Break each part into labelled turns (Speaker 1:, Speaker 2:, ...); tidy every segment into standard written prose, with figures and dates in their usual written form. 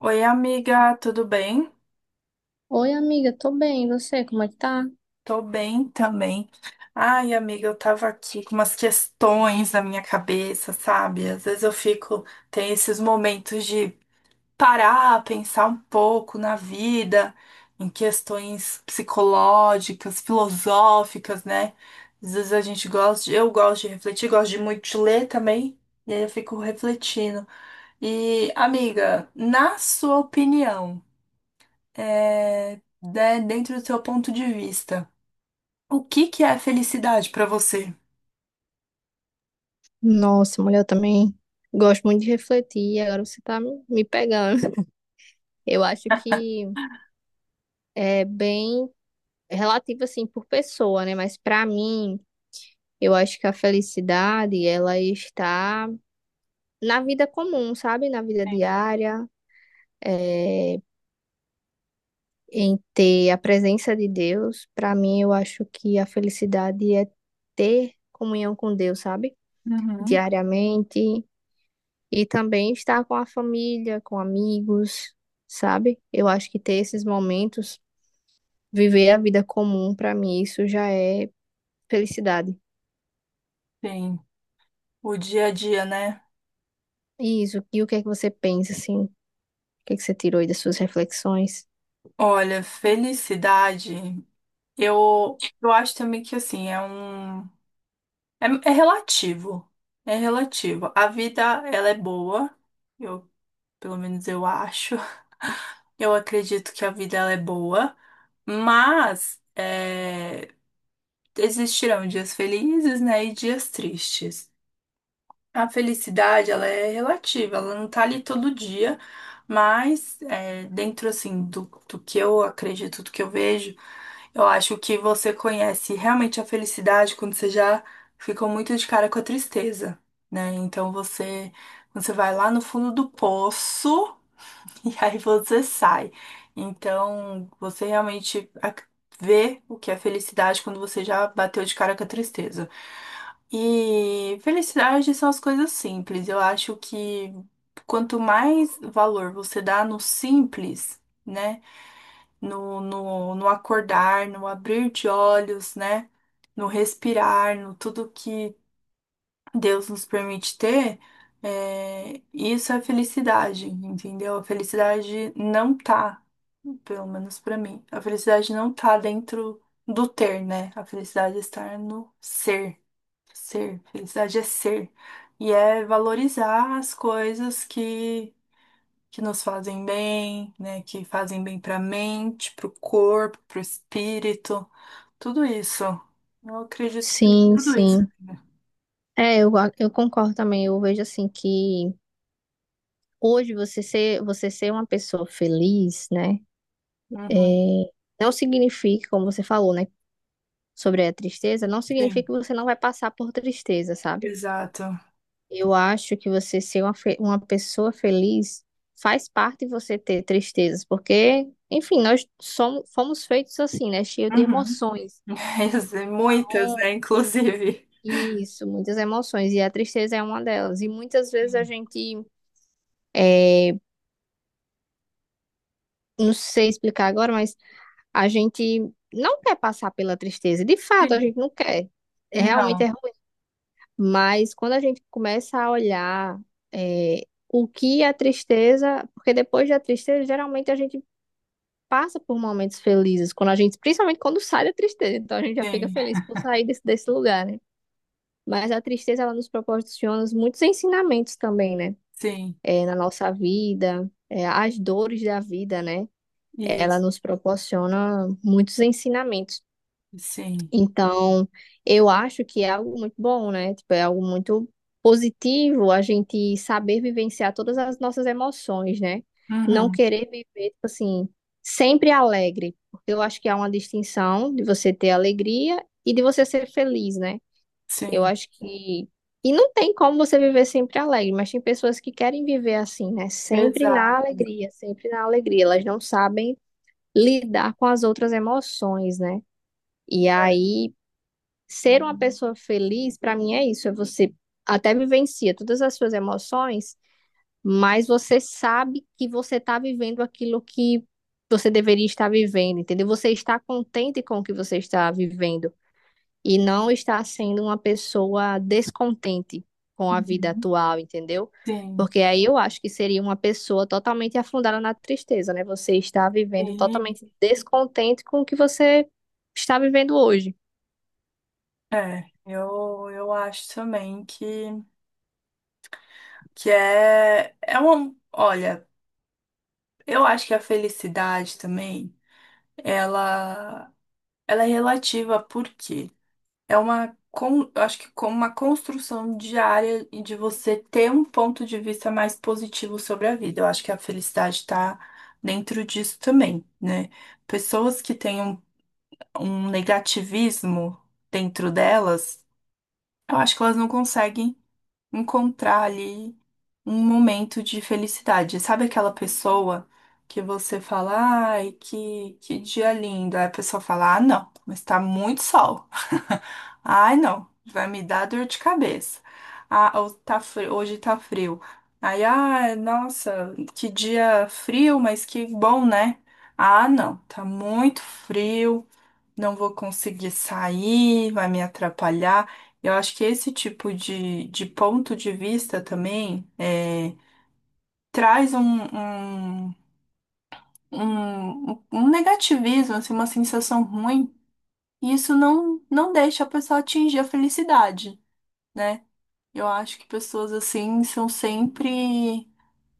Speaker 1: Oi, amiga, tudo bem?
Speaker 2: Oi, amiga, tô bem. E você, como é que tá?
Speaker 1: Tô bem também. Ai, amiga, eu tava aqui com umas questões na minha cabeça, sabe? Às vezes eu fico, tem esses momentos de parar, pensar um pouco na vida, em questões psicológicas, filosóficas, né? Às vezes a gente gosta, eu gosto de refletir, gosto de muito de ler também, e aí eu fico refletindo. E, amiga, na sua opinião, é, né, dentro do seu ponto de vista, o que que é felicidade para você?
Speaker 2: Nossa, mulher, eu também gosto muito de refletir. Agora você tá me pegando. Eu acho que é bem relativo, assim, por pessoa, né? Mas pra mim, eu acho que a felicidade, ela está na vida comum, sabe? Na vida diária, é, em ter a presença de Deus. Pra mim, eu acho que a felicidade é ter comunhão com Deus, sabe?
Speaker 1: Uhum.
Speaker 2: Diariamente. E também estar com a família, com amigos, sabe? Eu acho que ter esses momentos, viver a vida comum, pra mim, isso já é felicidade.
Speaker 1: Sim, o dia a dia, né?
Speaker 2: E isso. E o que é que você pensa, assim? O que é que você tirou aí das suas reflexões?
Speaker 1: Olha, felicidade, eu acho também que assim, é relativo. É relativo. A vida, ela é boa. Eu, pelo menos eu acho. Eu acredito que a vida, ela é boa. Mas existirão dias felizes, né? E dias tristes. A felicidade, ela é relativa, ela não tá ali todo dia, mas é, dentro, assim, do que eu acredito, do que eu vejo, eu acho que você conhece realmente a felicidade quando você já ficou muito de cara com a tristeza, né? Então você, quando você vai lá no fundo do poço, e aí você sai. Então, vê o que é felicidade quando você já bateu de cara com a tristeza. E felicidade são as coisas simples. Eu acho que quanto mais valor você dá no simples, né? No acordar, no abrir de olhos, né? No respirar, no tudo que Deus nos permite ter, isso é felicidade, entendeu? A felicidade não tá, pelo menos pra mim, a felicidade não tá dentro do ter, né? A felicidade está no ser, ser. Felicidade é ser. E é valorizar as coisas que nos fazem bem, né? Que fazem bem pra mente, pro corpo, pro espírito, tudo isso. Eu acredito que seja
Speaker 2: Sim,
Speaker 1: tudo isso,
Speaker 2: sim.
Speaker 1: né?
Speaker 2: Eu concordo também. Eu vejo, assim, que hoje você ser uma pessoa feliz, né? É,
Speaker 1: Uhum,
Speaker 2: não significa, como você falou, né? Sobre a tristeza, não significa
Speaker 1: sim,
Speaker 2: que você não vai passar por tristeza, sabe?
Speaker 1: exato.
Speaker 2: Eu acho que você ser uma, uma pessoa feliz faz parte de você ter tristezas, porque, enfim, nós somos, fomos feitos assim, né? Cheio de
Speaker 1: Uhum.
Speaker 2: emoções.
Speaker 1: Muitas, né?
Speaker 2: Então,
Speaker 1: Inclusive.
Speaker 2: isso, muitas emoções, e a tristeza é uma delas. E muitas vezes a gente, é, não sei explicar agora, mas a gente não quer passar pela tristeza. De fato, a
Speaker 1: Sim.
Speaker 2: gente não quer. É, realmente é
Speaker 1: Não,
Speaker 2: ruim. Mas quando a gente começa a olhar, o que a tristeza, porque depois da tristeza, geralmente a gente passa por momentos felizes, quando a gente, principalmente quando sai da tristeza, então a gente já fica
Speaker 1: sim,
Speaker 2: feliz por sair desse, desse lugar, né? Mas a tristeza, ela nos proporciona muitos ensinamentos também, né?
Speaker 1: sim,
Speaker 2: Na nossa vida, as dores da vida, né? Ela
Speaker 1: isso,
Speaker 2: nos proporciona muitos ensinamentos.
Speaker 1: sim,
Speaker 2: Então, eu acho que é algo muito bom, né? Tipo, é algo muito positivo a gente saber vivenciar todas as nossas emoções, né? Não
Speaker 1: uhum,
Speaker 2: querer viver, tipo assim, sempre alegre, porque eu acho que há uma distinção de você ter alegria e de você ser feliz, né? Eu
Speaker 1: sim,
Speaker 2: acho que. E não tem como você viver sempre alegre, mas tem pessoas que querem viver assim, né? Sempre na
Speaker 1: exato,
Speaker 2: alegria, sempre na alegria. Elas não sabem lidar com as outras emoções, né? E
Speaker 1: é,
Speaker 2: aí. Ser uma pessoa feliz, para mim, é isso. É você até vivencia todas as suas emoções, mas você sabe que você está vivendo aquilo que você deveria estar vivendo, entendeu? Você está contente com o que você está vivendo e não está sendo uma pessoa descontente com a vida
Speaker 1: uhum,
Speaker 2: atual, entendeu?
Speaker 1: sim,
Speaker 2: Porque aí eu acho que seria uma pessoa totalmente afundada na tristeza, né? Você está vivendo
Speaker 1: sim,
Speaker 2: totalmente descontente com o que você está vivendo hoje.
Speaker 1: é, eu acho também que é, é uma, olha, eu acho que a felicidade também, ela, ela é relativa, porque eu acho que como uma construção diária e de você ter um ponto de vista mais positivo sobre a vida. Eu acho que a felicidade está dentro disso também, né? Pessoas que têm um negativismo dentro delas, eu acho que elas não conseguem encontrar ali um momento de felicidade. Sabe aquela pessoa que você fala, ai, que dia lindo. Aí a pessoa fala, ah, não, mas tá muito sol. Ai, não, vai me dar dor de cabeça. Ah, ou tá frio, hoje tá frio. Aí, ah, nossa, que dia frio, mas que bom, né? Ah, não, tá muito frio, não vou conseguir sair, vai me atrapalhar. Eu acho que esse tipo de ponto de vista também traz um, um negativismo, assim, uma sensação ruim, e isso não deixa a pessoa atingir a felicidade, né? Eu acho que pessoas assim são sempre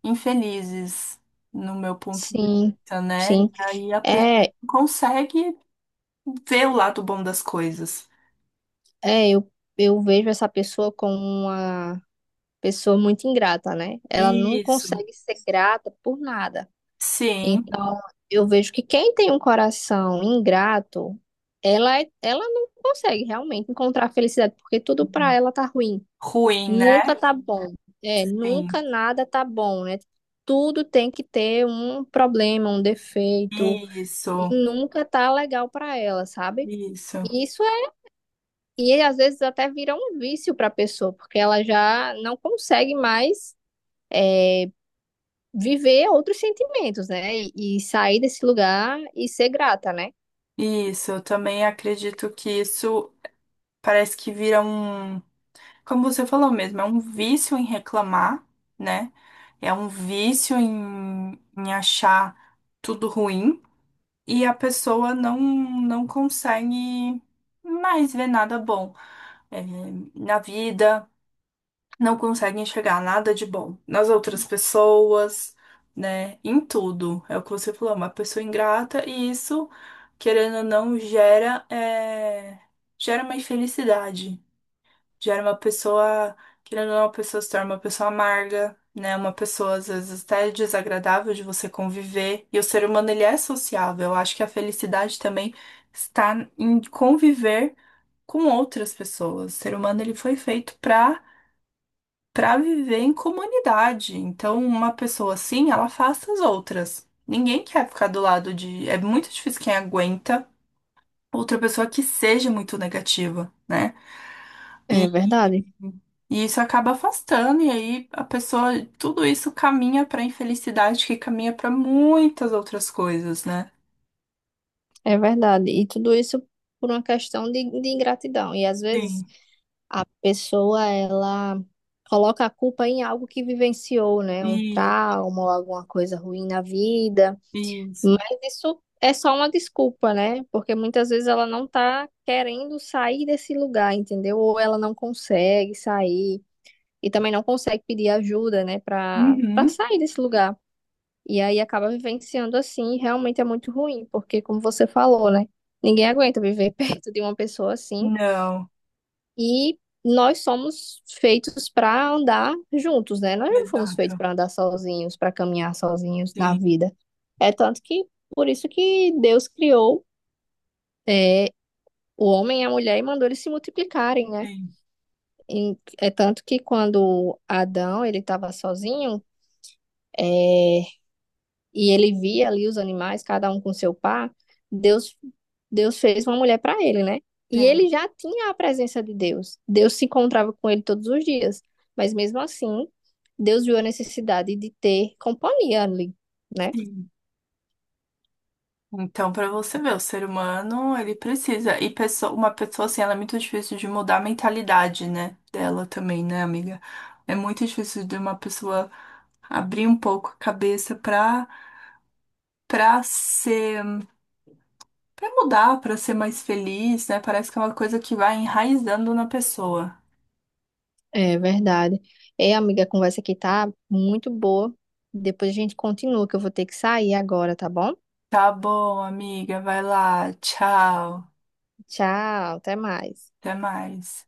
Speaker 1: infelizes, no meu ponto de
Speaker 2: Sim,
Speaker 1: vista, né?
Speaker 2: sim.
Speaker 1: E aí a pessoa
Speaker 2: É,
Speaker 1: não consegue ver o lado bom das coisas.
Speaker 2: é, eu, eu vejo essa pessoa como uma pessoa muito ingrata, né? Ela não
Speaker 1: Isso.
Speaker 2: consegue ser grata por nada.
Speaker 1: Sim,
Speaker 2: Então, eu vejo que quem tem um coração ingrato, ela não consegue realmente encontrar felicidade, porque tudo pra ela tá ruim.
Speaker 1: ruim,
Speaker 2: Nunca
Speaker 1: né?
Speaker 2: tá bom. É, nunca
Speaker 1: Sim.
Speaker 2: nada tá bom, né? Tudo tem que ter um problema, um defeito, e
Speaker 1: Isso,
Speaker 2: nunca tá legal pra ela, sabe?
Speaker 1: isso,
Speaker 2: Isso. E às vezes até vira um vício para a pessoa, porque ela já não consegue mais viver outros sentimentos, né? E sair desse lugar e ser grata, né?
Speaker 1: isso. Eu também acredito que isso parece que vira um, como você falou mesmo, é um vício em reclamar, né? É um vício em achar tudo ruim, e a pessoa não consegue mais ver nada bom, eh, na vida. Não consegue enxergar nada de bom nas outras pessoas, né? Em tudo. É o que você falou, uma pessoa ingrata, e isso, querendo ou não, gera uma infelicidade. Gera uma pessoa, querendo ou não, a pessoa se torna uma pessoa amarga, né? Uma pessoa, às vezes, até desagradável de você conviver. E o ser humano, ele é sociável. Eu acho que a felicidade também está em conviver com outras pessoas. O ser humano, ele foi feito para viver em comunidade. Então, uma pessoa assim, ela afasta as outras. Ninguém quer ficar do lado de. É muito difícil quem aguenta outra pessoa que seja muito negativa, né?
Speaker 2: É
Speaker 1: E,
Speaker 2: verdade,
Speaker 1: e isso acaba afastando, e aí a pessoa, tudo isso caminha para infelicidade, que caminha para muitas outras coisas, né?
Speaker 2: é verdade. E tudo isso por uma questão de ingratidão. E às vezes
Speaker 1: Sim,
Speaker 2: a pessoa, ela coloca a culpa em algo que vivenciou, né? Um
Speaker 1: e
Speaker 2: trauma ou alguma coisa ruim na vida.
Speaker 1: isso.
Speaker 2: Mas isso é só uma desculpa, né? Porque muitas vezes ela não tá querendo sair desse lugar, entendeu? Ou ela não consegue sair e também não consegue pedir ajuda, né, Pra para
Speaker 1: Uhum.
Speaker 2: sair desse lugar. E aí acaba vivenciando assim, e realmente é muito ruim, porque como você falou, né? Ninguém aguenta viver perto de uma pessoa assim.
Speaker 1: Não,
Speaker 2: E nós somos feitos para andar juntos, né? Nós não fomos feitos
Speaker 1: exato.
Speaker 2: para andar sozinhos, para caminhar sozinhos na
Speaker 1: Sim,
Speaker 2: vida. É tanto que por isso que Deus criou é, o homem e a mulher e mandou eles se multiplicarem, né?
Speaker 1: sim,
Speaker 2: E é tanto que quando Adão ele estava sozinho, é, e ele via ali os animais, cada um com seu par, Deus, Deus fez uma mulher para ele, né? E
Speaker 1: sim.
Speaker 2: ele já tinha a presença de Deus. Deus se encontrava com ele todos os dias. Mas mesmo assim, Deus viu a necessidade de ter companhia ali, né?
Speaker 1: Sim. Então, para você ver, o ser humano, ele precisa. E pessoa, uma pessoa assim, ela é muito difícil de mudar a mentalidade, né? Dela também, né, amiga? É muito difícil de uma pessoa abrir um pouco a cabeça pra ser, pra mudar, pra ser mais feliz, né? Parece que é uma coisa que vai enraizando na pessoa.
Speaker 2: É verdade. Ei, amiga, a conversa aqui tá muito boa. Depois a gente continua, que eu vou ter que sair agora, tá bom?
Speaker 1: Tá bom, amiga, vai lá. Tchau.
Speaker 2: Tchau, até mais.
Speaker 1: Até mais.